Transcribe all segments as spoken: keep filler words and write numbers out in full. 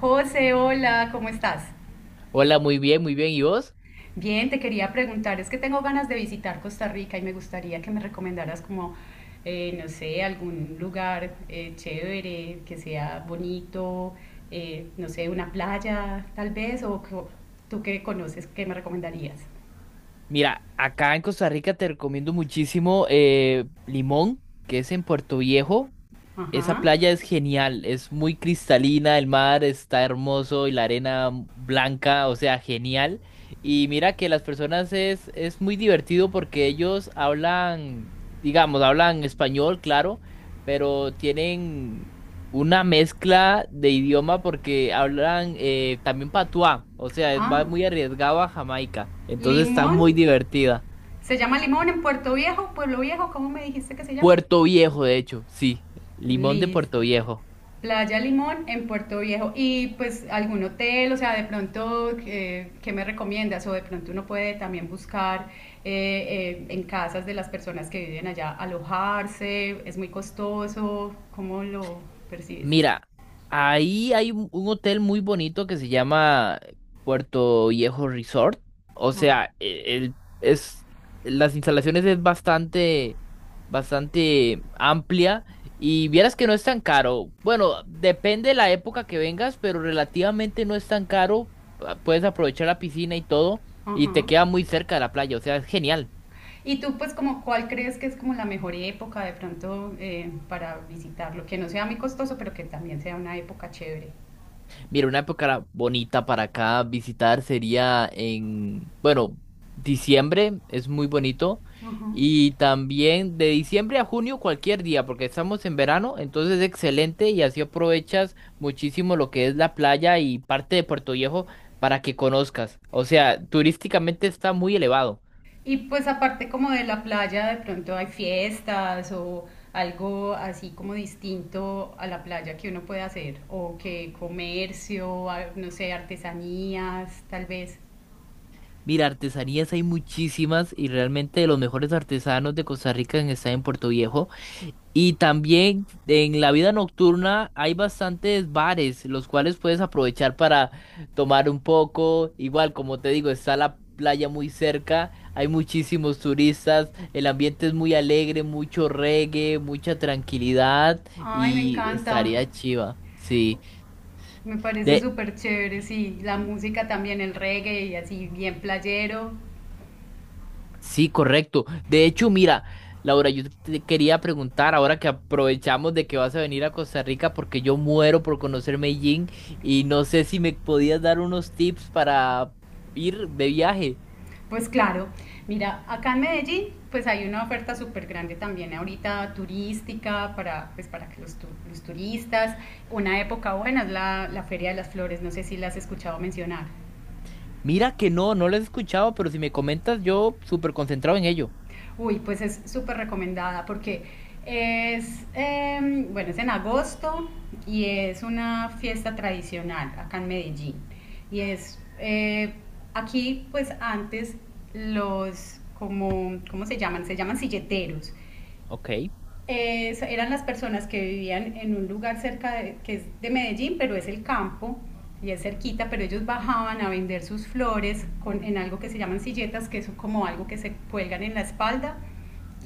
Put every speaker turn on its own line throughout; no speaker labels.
José, hola, ¿cómo estás?
Hola, muy bien, muy bien. ¿Y vos?
Bien, te quería preguntar, es que tengo ganas de visitar Costa Rica y me gustaría que me recomendaras como, eh, no sé, algún lugar eh, chévere, que sea bonito, eh, no sé, una playa tal vez, o co- tú que conoces, ¿qué me recomendarías?
Mira, acá en Costa Rica te recomiendo muchísimo eh, Limón, que es en Puerto Viejo. Esa
Ajá.
playa es genial, es muy cristalina, el mar está hermoso y la arena blanca, o sea, genial. Y mira que las personas es, es muy divertido porque ellos hablan, digamos, hablan español, claro, pero tienen una mezcla de idioma porque hablan eh, también patuá, o sea, es- va
Ah,
muy arriesgado a Jamaica, entonces está
Limón.
muy divertida.
¿Se llama Limón en Puerto Viejo, Pueblo Viejo? ¿Cómo me dijiste que se llama?
Puerto Viejo, de hecho, sí, Limón de
Listo.
Puerto Viejo.
Playa Limón en Puerto Viejo. Y pues algún hotel, o sea, de pronto, eh, ¿qué me recomiendas? O de pronto uno puede también buscar eh, eh, en casas de las personas que viven allá alojarse, es muy costoso, ¿cómo lo percibes?
Mira, ahí hay un un hotel muy bonito que se llama Puerto Viejo Resort. O
Ah,
sea, e- el, es, las instalaciones es bastante, bastante amplia y vieras que no es tan caro. Bueno, depende de la época que vengas, pero relativamente no es tan caro. Ah, puedes aprovechar la piscina y todo y te
ajá.
queda muy cerca de la playa. O sea, es genial.
Y tú, pues, como, ¿cuál crees que es como la mejor época de pronto eh, para visitarlo? Que no sea muy costoso, pero que también sea una época chévere.
Mira, una época bonita para acá visitar sería en, bueno, diciembre es muy bonito
Ajá.
y también de diciembre a junio cualquier día porque estamos en verano, entonces excelente y así aprovechas muchísimo lo que es la playa y parte de Puerto Viejo para que conozcas. O sea, turísticamente está muy elevado.
Y pues aparte como de la playa, de pronto hay fiestas o algo así como distinto a la playa que uno puede hacer, o que comercio, a- no sé, artesanías, tal vez.
Mira, artesanías hay muchísimas y realmente los mejores artesanos de Costa Rica están en Puerto Viejo. Y también en la vida nocturna hay bastantes bares, los cuales puedes aprovechar para tomar un poco. Igual, como te digo, está la playa muy cerca, hay muchísimos turistas, el ambiente es muy alegre, mucho reggae, mucha tranquilidad
Ay, me
y
encanta,
estaría chiva. Sí,
me parece
de
súper chévere, sí, la música también, el reggae y así bien playero.
Sí, correcto. De hecho, mira, Laura, yo te quería preguntar ahora que aprovechamos de que vas a venir a Costa Rica porque yo muero por conocer Medellín y no sé si me podías dar unos tips para ir de viaje.
Pues claro, mira, acá en Medellín pues hay una oferta súper grande también ahorita turística para, pues, para que los, tu- los turistas, una época buena es la, la Feria de las Flores, no sé si la has escuchado mencionar.
Mira que no, no lo he escuchado, pero si me comentas, yo súper concentrado en ello.
Uy, pues es súper recomendada porque es, em, bueno, es en agosto y es una fiesta tradicional acá en Medellín. Y es, eh, aquí pues antes los, como, ¿cómo se llaman? Se llaman silleteros.
Ok,
eh, eran las personas que vivían en un lugar cerca de, que es de Medellín, pero es el campo y es cerquita, pero ellos bajaban a vender sus flores con, en algo que se llaman silletas, que es como algo que se cuelgan en la espalda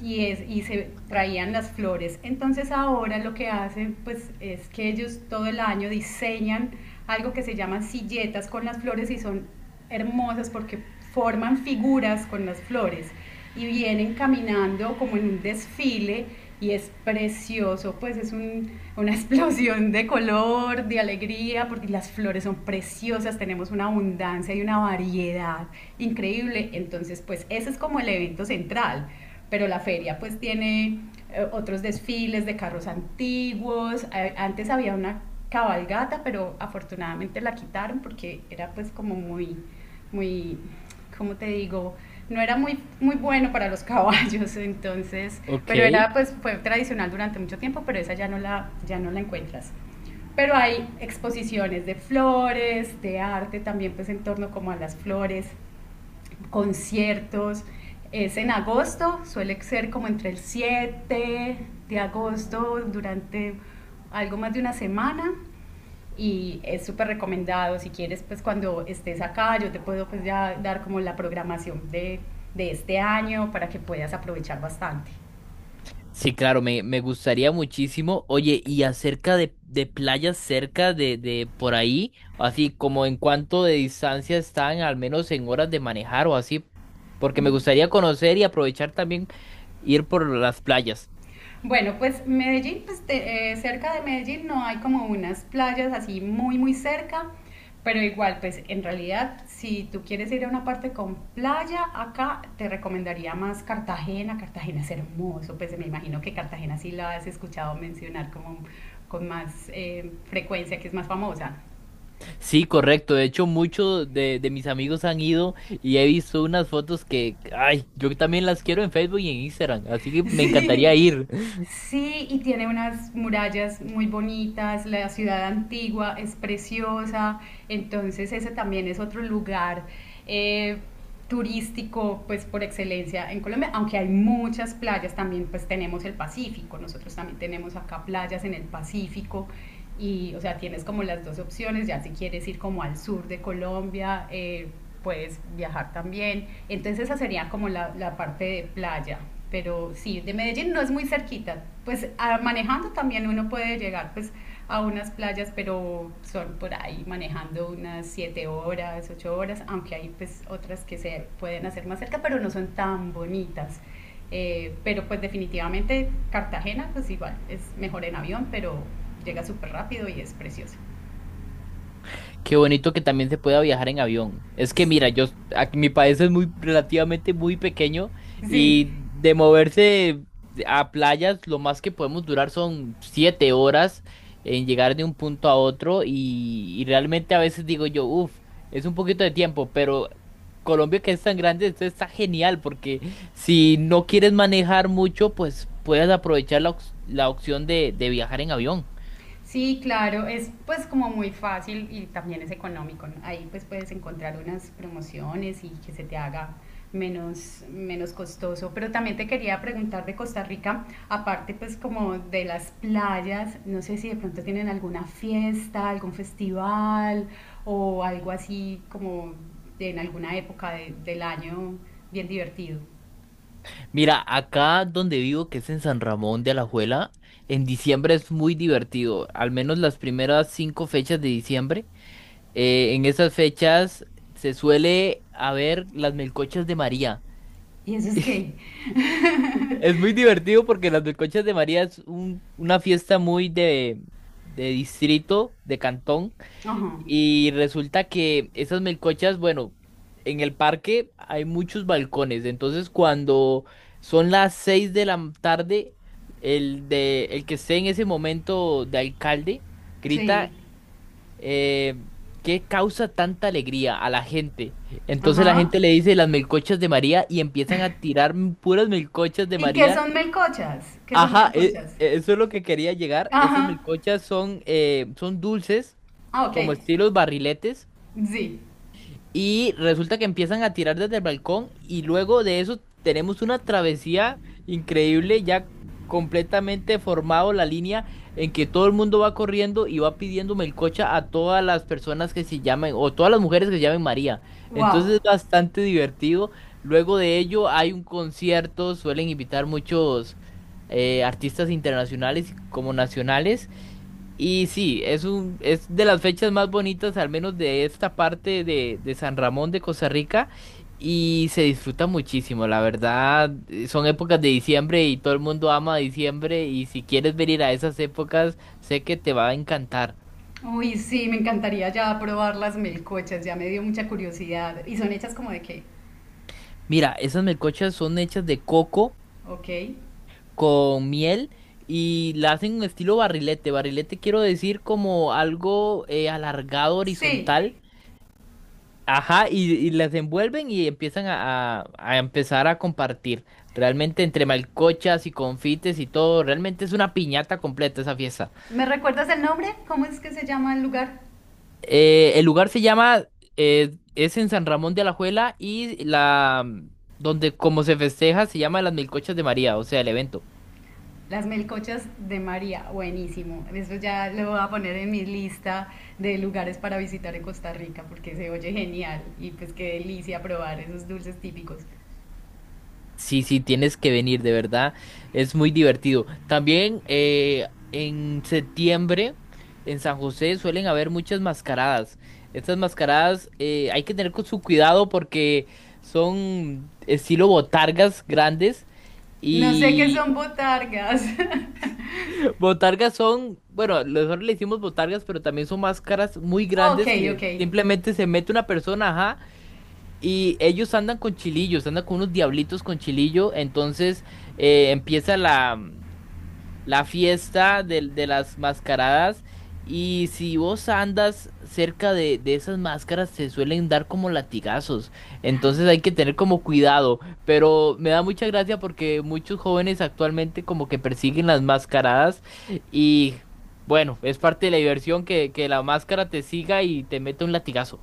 y, es, y se traían las flores. Entonces ahora lo que hacen pues es que ellos todo el año diseñan algo que se llaman silletas con las flores y son hermosas porque forman figuras con las flores y vienen caminando como en un desfile y es precioso, pues es un, una explosión de color, de alegría, porque las flores son preciosas, tenemos una abundancia y una variedad increíble, entonces pues ese es como el evento central, pero la feria pues tiene eh, otros desfiles de carros antiguos, eh, antes había una cabalgata, pero afortunadamente la quitaron porque era pues como muy, muy como te digo, no era muy, muy bueno para los caballos, entonces, pero
ok.
era pues fue tradicional durante mucho tiempo, pero esa ya no la, ya no la encuentras. Pero hay exposiciones de flores, de arte también pues en torno como a las flores, conciertos. Es en agosto, suele ser como entre el siete de agosto, durante algo más de una semana. Y es súper recomendado, si quieres, pues cuando estés acá, yo te puedo pues ya dar como la programación de, de este año para que puedas aprovechar bastante.
Sí, claro, me, me gustaría muchísimo. Oye, y acerca de, de playas cerca de, de por ahí, así como en cuánto de distancia están, al menos en horas de manejar o así, porque me gustaría conocer y aprovechar también ir por las playas.
Bueno, pues Medellín, pues te- eh, cerca de Medellín no hay como unas playas así muy, muy cerca, pero igual, pues en realidad, si tú quieres ir a una parte con playa, acá te recomendaría más Cartagena. Cartagena es hermoso, pues me imagino que Cartagena sí la has escuchado mencionar como con más eh, frecuencia, que es más famosa.
Sí, correcto. De hecho, muchos de, de mis amigos han ido y he visto unas fotos que, ay, yo también las quiero en Facebook y en Instagram, así que me encantaría ir.
Sí, y tiene unas murallas muy bonitas, la ciudad antigua es preciosa, entonces ese también es otro lugar eh, turístico pues por excelencia en Colombia, aunque hay muchas playas, también pues tenemos el Pacífico, nosotros también tenemos acá playas en el Pacífico y, o sea, tienes como las dos opciones, ya si quieres ir como al sur de Colombia, eh, puedes viajar también. Entonces esa sería como la, la parte de playa. Pero sí, de Medellín no es muy cerquita. Pues a- manejando también uno puede llegar pues a unas playas, pero son por ahí manejando unas siete horas, ocho horas, aunque hay pues otras que se pueden hacer más cerca, pero no son tan bonitas. Eh, pero pues definitivamente Cartagena, pues igual, es mejor en avión, pero llega súper rápido y es precioso.
Qué bonito que también se pueda viajar en avión. Es que mira, yo aquí mi país es muy relativamente muy pequeño
Sí,
y de moverse a playas, lo más que podemos durar son siete horas en llegar de un punto a otro y, y realmente a veces digo yo, uff, es un poquito de tiempo, pero Colombia que es tan grande, esto está genial porque si no quieres manejar mucho, pues puedes aprovechar la, ox- la opción de, de viajar en avión.
sí, claro, es pues como muy fácil y también es económico, ¿no? Ahí pues puedes encontrar unas promociones y que se te haga menos, menos costoso. Pero también te quería preguntar de Costa Rica, aparte pues como de las playas, no sé si de pronto tienen alguna fiesta, algún festival o algo así como en alguna época de- del año bien divertido.
Mira, acá donde vivo, que es en San Ramón de Alajuela, en diciembre es muy divertido, al menos las primeras cinco fechas de diciembre. Eh, en esas fechas se suele haber las melcochas de María.
¿Y eso es qué?
Es muy divertido porque las melcochas de María es un- una fiesta muy de, de distrito, de cantón.
Ajá,
Y resulta que esas melcochas, bueno, en el parque hay muchos balcones, entonces cuando son las seis de la tarde, el de el que esté en ese momento de alcalde
sí,
grita eh, ¿qué causa tanta alegría a la gente? Entonces la
ajá.
gente le dice las melcochas de María y empiezan a tirar puras melcochas de
¿Y qué
María.
son melcochas? ¿Qué son
Ajá, e-
melcochas?
e, eso es lo que quería llegar. Esas
Ajá.
melcochas son, eh, son dulces,
Ah, ok.
como estilos barriletes
Sí.
y resulta que empiezan a tirar desde el balcón y luego de eso tenemos una travesía increíble, ya completamente formado la línea en que todo el mundo va corriendo y va pidiendo melcocha a todas las personas que se llamen o todas las mujeres que se llamen María. Entonces
Wow.
es bastante divertido. Luego de ello hay un concierto, suelen invitar muchos eh, artistas internacionales como nacionales. Y sí, es un, es de las fechas más bonitas, al menos de esta parte de, de San Ramón de Costa Rica, y se disfruta muchísimo, la verdad, eh, son épocas de diciembre y todo el mundo ama diciembre, y si quieres venir a esas épocas, sé que te va a encantar.
Uy, sí, me encantaría ya probar las melcochas, ya me dio mucha curiosidad. ¿Y son hechas como de qué?
Mira, esas melcochas son hechas de coco
Ok.
con miel y la hacen en estilo barrilete. Barrilete quiero decir como algo eh, alargado,
Sí.
horizontal. Ajá, y, y las envuelven y empiezan a, a- a empezar a compartir. Realmente entre malcochas y confites y todo, realmente es una piñata completa esa fiesta.
¿Me recuerdas el nombre? ¿Cómo es que se llama el lugar?
Eh, el lugar se llama, eh, es en San Ramón de Alajuela y la, mm, donde como se festeja se llama Las Milcochas de María, o sea, el evento.
Las melcochas de María. Buenísimo. Eso ya lo voy a poner en mi lista de lugares para visitar en Costa Rica porque se oye genial y pues qué delicia probar esos dulces típicos.
Sí, sí, tienes que venir, de verdad. Es muy divertido. También eh, en septiembre en San José suelen haber muchas mascaradas. Estas mascaradas eh, hay que tener con su cuidado porque son estilo botargas grandes
No sé qué
y
son botargas.
botargas son, bueno, nosotros le decimos botargas, pero también son máscaras muy
Ok,
grandes que
ok.
simplemente se mete una persona, ajá, y ellos andan con chilillos, andan con unos diablitos con chilillo. Entonces eh, empieza la, la fiesta de de, las mascaradas. Y si vos andas cerca de, de esas máscaras, se suelen dar como latigazos. Entonces hay que tener como cuidado. Pero me da mucha gracia porque muchos jóvenes actualmente como que persiguen las mascaradas. Y bueno, es parte de la diversión que, que la máscara te siga y te mete un latigazo.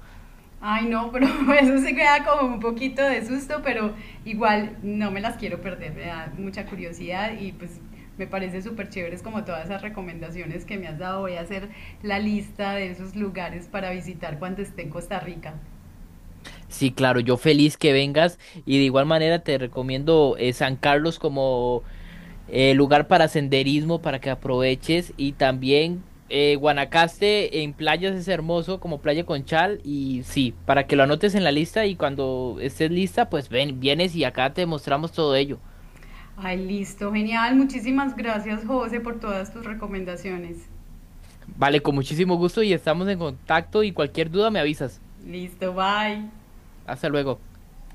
Ay, no, pero eso se queda como un poquito de susto, pero igual no me las quiero perder, me da mucha curiosidad y pues me parece súper chéveres como todas esas recomendaciones que me has dado. Voy a hacer la lista de esos lugares para visitar cuando esté en Costa Rica.
Sí, claro, yo feliz que vengas y de igual manera te recomiendo eh, San Carlos como eh, lugar para senderismo para que aproveches y también eh, Guanacaste en playas es hermoso como Playa Conchal y sí, para que lo anotes en la lista y cuando estés lista pues ven, vienes y acá te mostramos todo ello.
Ay, listo, genial. Muchísimas gracias, José, por todas tus recomendaciones.
Vale, con muchísimo gusto y estamos en contacto y cualquier duda me avisas.
Listo, bye.
Hasta luego.